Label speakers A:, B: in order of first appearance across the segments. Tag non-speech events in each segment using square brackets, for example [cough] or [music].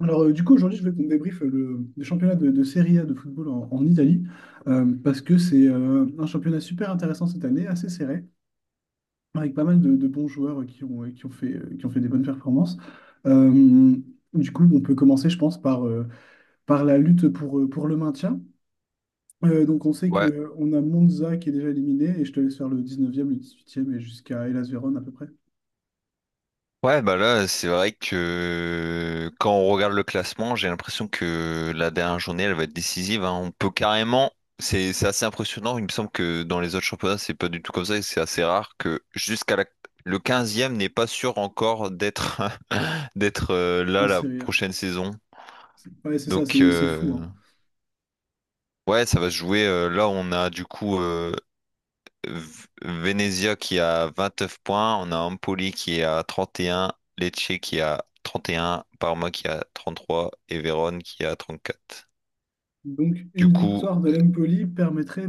A: Aujourd'hui, je veux qu'on débriefe le championnat de Serie A de football en Italie, parce que c'est un championnat super intéressant cette année, assez serré, avec pas mal de bons joueurs qui ont fait des bonnes performances. Euh, on peut commencer, je pense, par la lutte pour le maintien. Donc, on sait
B: Ouais.
A: que on a Monza qui est déjà éliminé, et je te laisse faire le 19e, le 18e, et jusqu'à Hellas Vérone à peu près,
B: Ouais, bah là, c'est vrai que quand on regarde le classement, j'ai l'impression que la dernière journée, elle va être décisive, hein. On peut carrément, c'est assez impressionnant. Il me semble que dans les autres championnats, c'est pas du tout comme ça. C'est assez rare que jusqu'à la... le quinzième n'est pas sûr encore d'être [laughs] d'être là
A: en
B: la
A: Serie A.
B: prochaine saison.
A: Ouais, c'est ça,
B: Donc
A: c'est
B: euh,
A: fou, hein.
B: ouais, ça va se jouer. Là, on a Venezia qui a 29 points, on a Empoli qui est à 31, Lecce qui a 31, Parma qui a 33 et Vérone qui a 34.
A: Donc,
B: Du
A: une
B: coup,
A: victoire de l'Empoli permettrait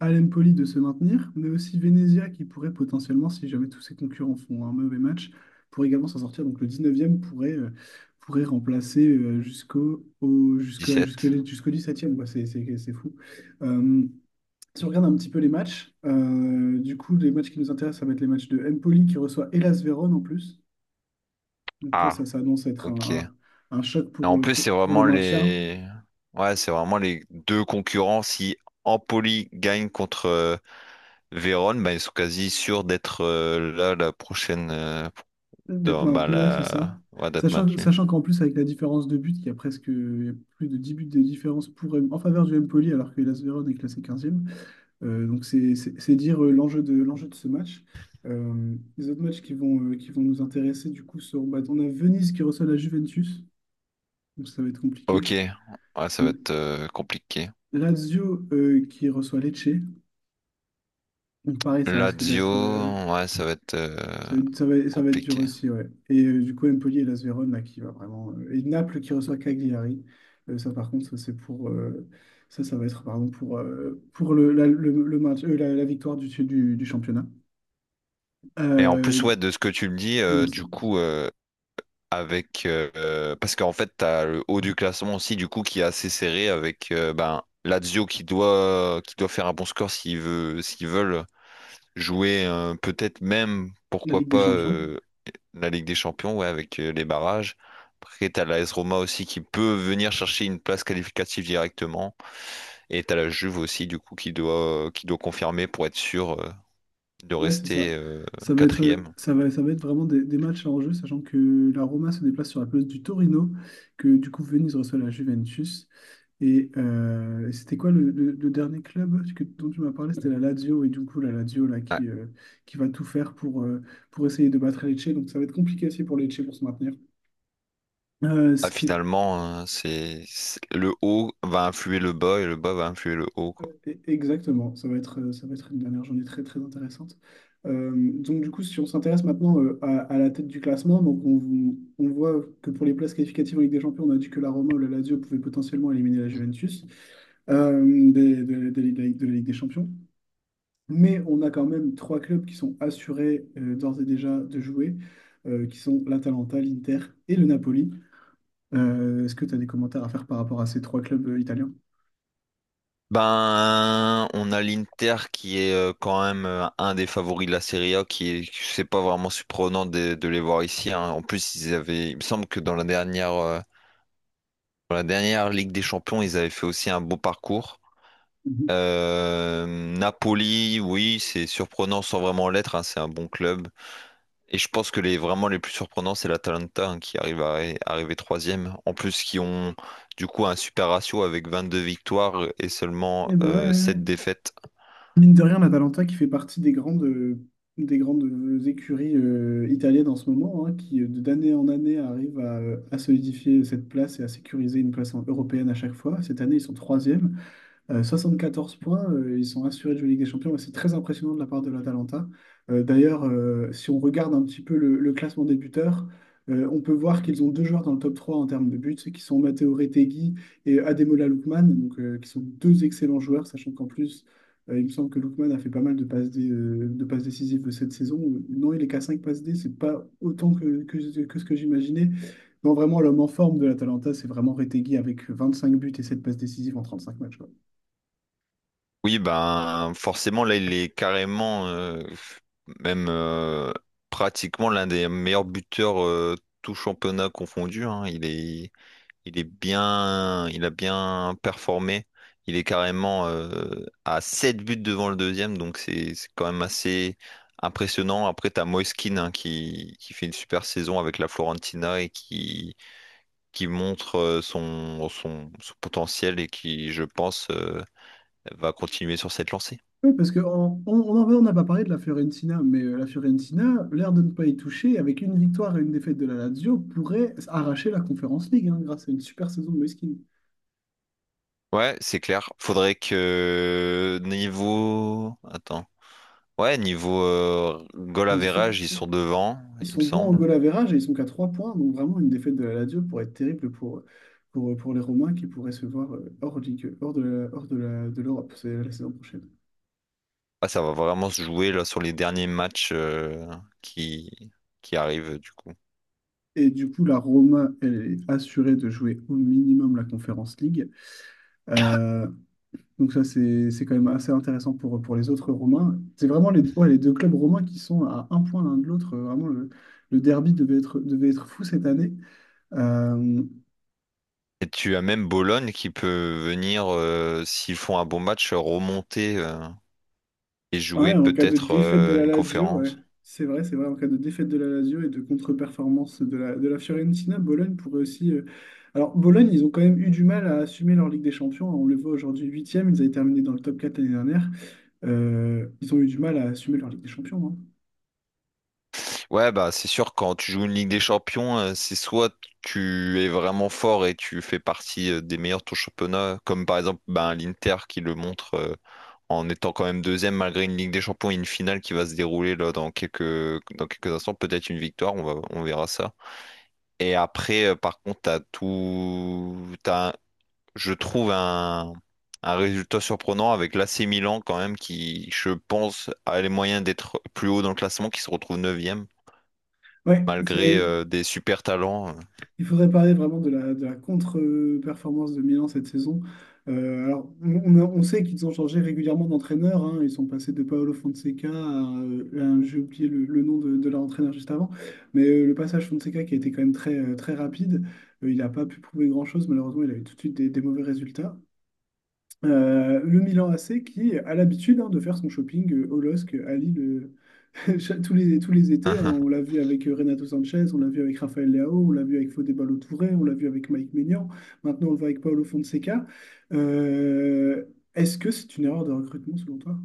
A: à l'Empoli de se maintenir, mais aussi Venezia qui pourrait potentiellement, si jamais tous ses concurrents font un mauvais match, pourrait également s'en sortir. Donc, le dix-neuvième pourrait remplacer jusqu'au au- jusqu'à-
B: dix-sept.
A: jusque les- jusqu'au dix-septième. Quoi. C'est fou. Euh, si on regarde un petit peu les matchs, du coup, les matchs qui nous intéressent, ça va être les matchs de Empoli qui reçoit Hellas Vérone en plus. Donc là,
B: Ah,
A: ça s'annonce être
B: ok. Et
A: un choc
B: en plus, c'est
A: pour le
B: vraiment
A: maintien.
B: les... Ouais, c'est vraiment les deux concurrents. Si Empoli gagne contre Vérone, bah, ils sont quasi sûrs d'être là la prochaine...
A: D'être maintenu, ouais, c'est ça.
B: ouais, d'être
A: Sachant,
B: maintenus.
A: sachant qu'en plus, avec la différence de but, il y a plus de 10 buts de différence pour, en faveur du Empoli, alors que l'AS Verona est classé quinzième. Donc, c'est dire l'enjeu l'enjeu de ce match. Les autres matchs qui vont nous intéresser, du coup, seront bah, on a Venise qui reçoit la Juventus, donc ça va être compliqué.
B: Ok. Ouais, ça va
A: Euh,
B: être compliqué.
A: Lazio qui reçoit Lecce, donc pareil, ça risque
B: Lazio,
A: d'être.
B: ouais, ça va être
A: Ça va être dur
B: compliqué.
A: aussi, ouais. Et du coup, Empoli et Las Vérone, là, qui va vraiment. Et Naples qui reçoit Cagliari. Ça, par contre, ça, c'est pour. Pardon, pour le, la, le maintien- la, la victoire du championnat.
B: Et en plus,
A: Euh,
B: ouais, de ce que tu me dis,
A: mais non, c'est
B: du coup, avec parce qu'en fait, t'as le haut du classement aussi, du coup, qui est assez serré avec ben Lazio qui doit faire un bon score s'ils veulent jouer peut-être même
A: la
B: pourquoi
A: Ligue
B: pas
A: des Champions.
B: la Ligue des Champions, ouais, avec les barrages. Après, t'as la AS Roma aussi qui peut venir chercher une place qualificative directement. Et t'as la Juve aussi, du coup, qui doit confirmer pour être sûr. De
A: Ouais, c'est ça.
B: rester quatrième.
A: Ça va être vraiment des matchs à enjeu, sachant que la Roma se déplace sur la place du Torino, que du coup, Venise reçoit la Juventus. Et c'était quoi le dernier club dont tu m'as parlé? C'était la Lazio. Et du coup, la Lazio là,
B: Ah,
A: qui va tout faire pour essayer de battre Lecce. Donc ça va être compliqué aussi pour Lecce pour se maintenir. Ce qui est
B: Finalement, le haut va influer le bas et le bas va influer le haut, quoi.
A: e- Exactement, ça va être une dernière journée très très intéressante. Donc du coup, si on s'intéresse maintenant à la tête du classement, donc on voit que pour les places qualificatives en Ligue des Champions, on a dit que la Roma ou la Lazio pouvaient potentiellement éliminer la Juventus de la Ligue des Champions. Mais on a quand même trois clubs qui sont assurés d'ores et déjà de jouer, qui sont l'Atalanta, l'Inter et le Napoli. Est-ce que tu as des commentaires à faire par rapport à ces trois clubs italiens?
B: Ben, on a l'Inter qui est quand même un des favoris de la Serie A, qui est, c'est pas vraiment surprenant de les voir ici. Hein. En plus, ils avaient, il me semble que dans la dernière pour la dernière Ligue des Champions, ils avaient fait aussi un beau parcours.
A: Mhm.
B: Euh, Napoli, oui, c'est surprenant sans vraiment l'être, hein, c'est un bon club. Et je pense que les vraiment les plus surprenants, c'est l'Atalanta hein, qui arrive à arriver troisième. En plus, qui ont du coup un super ratio avec 22 victoires et seulement
A: Eh ben ouais, ouais,
B: 7
A: ouais.
B: défaites.
A: Mine de rien, l'Atalanta qui fait partie des grandes écuries italiennes en ce moment, hein, qui d'année en année arrivent à solidifier cette place et à sécuriser une place européenne à chaque fois. Cette année, ils sont troisième. 74 points, ils sont assurés de jouer Ligue des Champions. Et c'est très impressionnant de la part de l'Atalanta. Si on regarde un petit peu le classement des buteurs, on peut voir qu'ils ont deux joueurs dans le top 3 en termes de buts, qui sont Matteo Retegui et Ademola Lookman, donc, qui sont deux excellents joueurs, sachant qu'en plus, il me semble que Lookman a fait pas mal de passes décisives de cette saison. Non, il est qu'à 5 passes D, c'est pas autant que ce que j'imaginais. Non, vraiment, l'homme en forme de l'Atalanta, c'est vraiment Retegui avec 25 buts et 7 passes décisives en 35 matchs. Quoi.
B: Oui, ben forcément, là, il est carrément même pratiquement l'un des meilleurs buteurs tout championnat confondu. Hein. Il est bien, il a bien performé. Il est carrément à 7 buts devant le deuxième, donc c'est quand même assez impressionnant. Après, t'as Moiskin hein, qui fait une super saison avec la Florentina et qui montre son potentiel et qui, je pense, va continuer sur cette lancée.
A: Oui, parce que en vrai, on n'a pas parlé de la Fiorentina, mais la Fiorentina, l'air de ne pas y toucher, avec une victoire et une défaite de la Lazio, pourrait arracher la Conference League hein, grâce à une super saison de Moïskine.
B: Ouais, c'est clair. Faudrait que niveau... Attends. Ouais, niveau goal
A: On dit-
B: average, ils sont devant,
A: Ils
B: il me
A: sont bons en
B: semble.
A: goal average et ils sont qu'à 3 points, donc vraiment une défaite de la Lazio pourrait être terrible pour les Romains qui pourraient se voir hors ligue, de l'Europe c'est la saison prochaine.
B: Ah, ça va vraiment se jouer là sur les derniers matchs qui, qui arrivent du coup.
A: Et du coup, la Roma, elle est assurée de jouer au minimum la Conference League. Euh, Donc ça, c'est quand même assez intéressant pour les autres Romains. C'est vraiment ouais, les deux clubs romains qui sont à un point l'un de l'autre. Le derby devait être fou cette année. Euh,
B: Et tu as même Bologne qui peut venir, s'ils font un bon match, remonter et
A: ouais,
B: jouer
A: en cas de
B: peut-être
A: défaite de la
B: une
A: Lazio, ouais.
B: conférence.
A: C'est vrai, c'est vrai. En cas de défaite de la Lazio et de contre-performance de de la Fiorentina, Bologne pourrait aussi... Alors, Bologne, ils ont quand même eu du mal à assumer leur Ligue des Champions. On le voit aujourd'hui huitième. Ils avaient terminé dans le top 4 l'année dernière. Ils ont eu du mal à assumer leur Ligue des Champions. Hein.
B: Ouais, bah c'est sûr, quand tu joues une Ligue des Champions, c'est soit tu es vraiment fort et tu fais partie des meilleurs de ton championnat, comme par exemple ben, l'Inter qui le montre en étant quand même deuxième malgré une Ligue des Champions et une finale qui va se dérouler là dans dans quelques instants, peut-être une victoire, on va, on verra ça. Et après, par contre, t'as tout, t'as, un- je trouve un résultat surprenant avec l'AC Milan quand même qui, je pense, a les moyens d'être plus haut dans le classement, qui se retrouve neuvième
A: Ouais,
B: malgré
A: c'est
B: des super talents.
A: Il faudrait parler vraiment de de la contre-performance de Milan cette saison. On sait qu'ils ont changé régulièrement d'entraîneur. Hein. Ils sont passés de Paolo Fonseca j'ai oublié le nom de leur entraîneur juste avant. Mais le passage Fonseca qui a été quand même très rapide, il n'a pas pu prouver grand-chose. Malheureusement, il a eu tout de suite des mauvais résultats. Le Milan AC qui a l'habitude hein, de faire son shopping au LOSC à Lille [laughs] tous les étés, hein, on l'a
B: [laughs]
A: vu avec Renato Sanchez, on l'a vu avec Raphaël Leao, on l'a vu avec Fodé Ballo-Touré, on l'a vu avec Mike Maignan, maintenant on le voit avec Paolo Fonseca. Euh, est-ce que c'est une erreur de recrutement selon toi?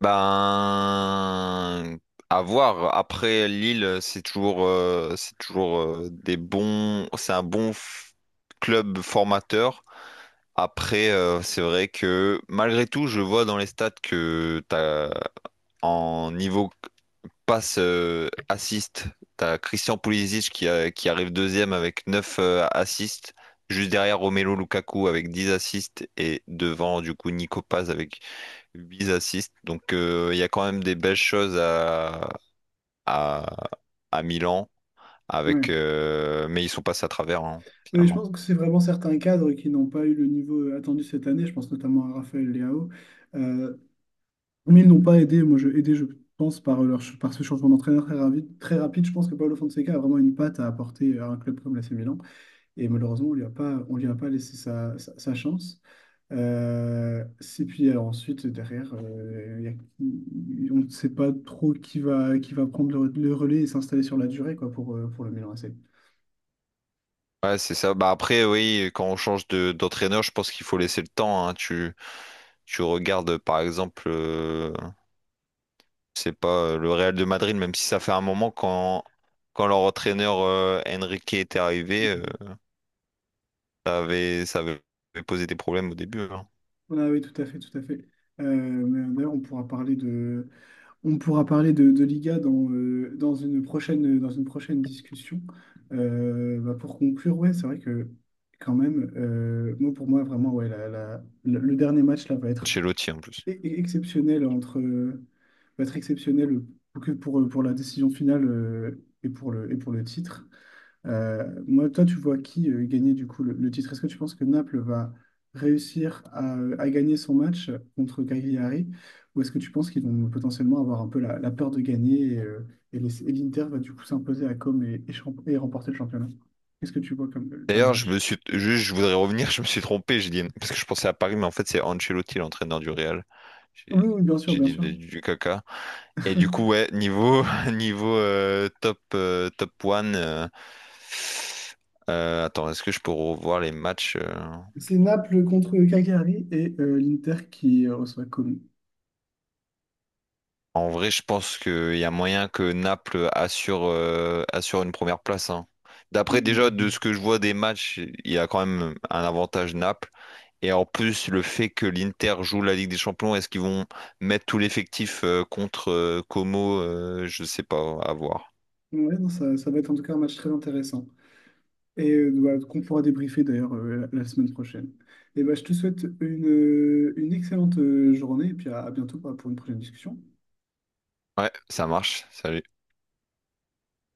B: Ben, à voir. Après Lille, c'est toujours des bons, c'est club formateur. Après, c'est vrai que malgré tout, je vois dans les stats que t'as en niveau passe assist, t'as Christian Pulisic qui arrive deuxième avec 9 assists, juste derrière Romelu Lukaku avec 10 assists et devant du coup Nico Paz avec 8 assists. Donc il y a quand même des belles choses à, à, à Milan avec
A: Ouais.
B: mais ils sont passés à travers hein,
A: Oui, je
B: finalement.
A: pense que c'est vraiment certains cadres qui n'ont pas eu le niveau attendu cette année, je pense notamment à Raphaël Leao. Euh, mais ils n'ont pas aidé, moi je, aidé je pense par ce changement d'entraîneur très rapide, je pense que Paolo Fonseca a vraiment une patte à apporter à un club comme l'AC Milan. Et malheureusement, on lui a pas laissé sa chance. Ensuite, derrière, on ne sait pas trop qui va prendre le relais et s'installer sur la durée quoi, pour le Milan AC.
B: Ouais, c'est ça. Bah après, oui, quand on change de d'entraîneur, je pense qu'il faut laisser le temps, hein. Tu regardes, par exemple, c'est pas le Real de Madrid, même si ça fait un moment quand leur entraîneur Enrique était arrivé, ça avait posé des problèmes au début, hein.
A: Ah oui, tout à fait, tout à fait. On pourra parler de, on pourra parler de Liga dans une prochaine discussion. Bah, pour conclure, ouais, c'est vrai que quand même, pour moi, vraiment, ouais, le dernier match là va être
B: Chez Lotti en plus.
A: exceptionnel entre va être exceptionnel que pour la décision finale et pour le titre. Toi, tu vois qui gagner du coup le titre? Est-ce que tu penses que Naples va réussir à gagner son match contre Cagliari ou est-ce que tu penses qu'ils vont potentiellement avoir un peu la peur de gagner et l'Inter va du coup s'imposer à Comme et remporter le championnat? Qu'est-ce que tu vois comme dernier
B: D'ailleurs, je me
A: match?
B: suis, juste, je voudrais revenir, je me suis trompé, j'ai dit, parce que je pensais à Paris, mais en fait, c'est Ancelotti, l'entraîneur du Real.
A: Oui,
B: J'ai
A: oui, bien sûr,
B: j'ai
A: bien
B: dit
A: sûr.
B: du caca. Et du coup, ouais, [laughs] niveau top one, attends, est-ce que je peux revoir les matchs?
A: C'est Naples contre Cagliari et l'Inter qui reçoit Como.
B: En vrai, je pense qu'il y a moyen que Naples assure, assure une première place. Hein.
A: Mm,
B: D'après déjà
A: mm,
B: de
A: mm.
B: ce que je vois des matchs, il y a quand même un avantage Naples. Et en plus, le fait que l'Inter joue la Ligue des Champions, est-ce qu'ils vont mettre tout l'effectif contre Como? Je sais pas, à voir.
A: mm. Ouais, non, ça va être en tout cas un match très intéressant et voilà, qu'on pourra débriefer d'ailleurs la semaine prochaine. Et bah je te souhaite une excellente journée et puis à bientôt bah, pour une prochaine discussion.
B: Ouais, ça marche. Salut.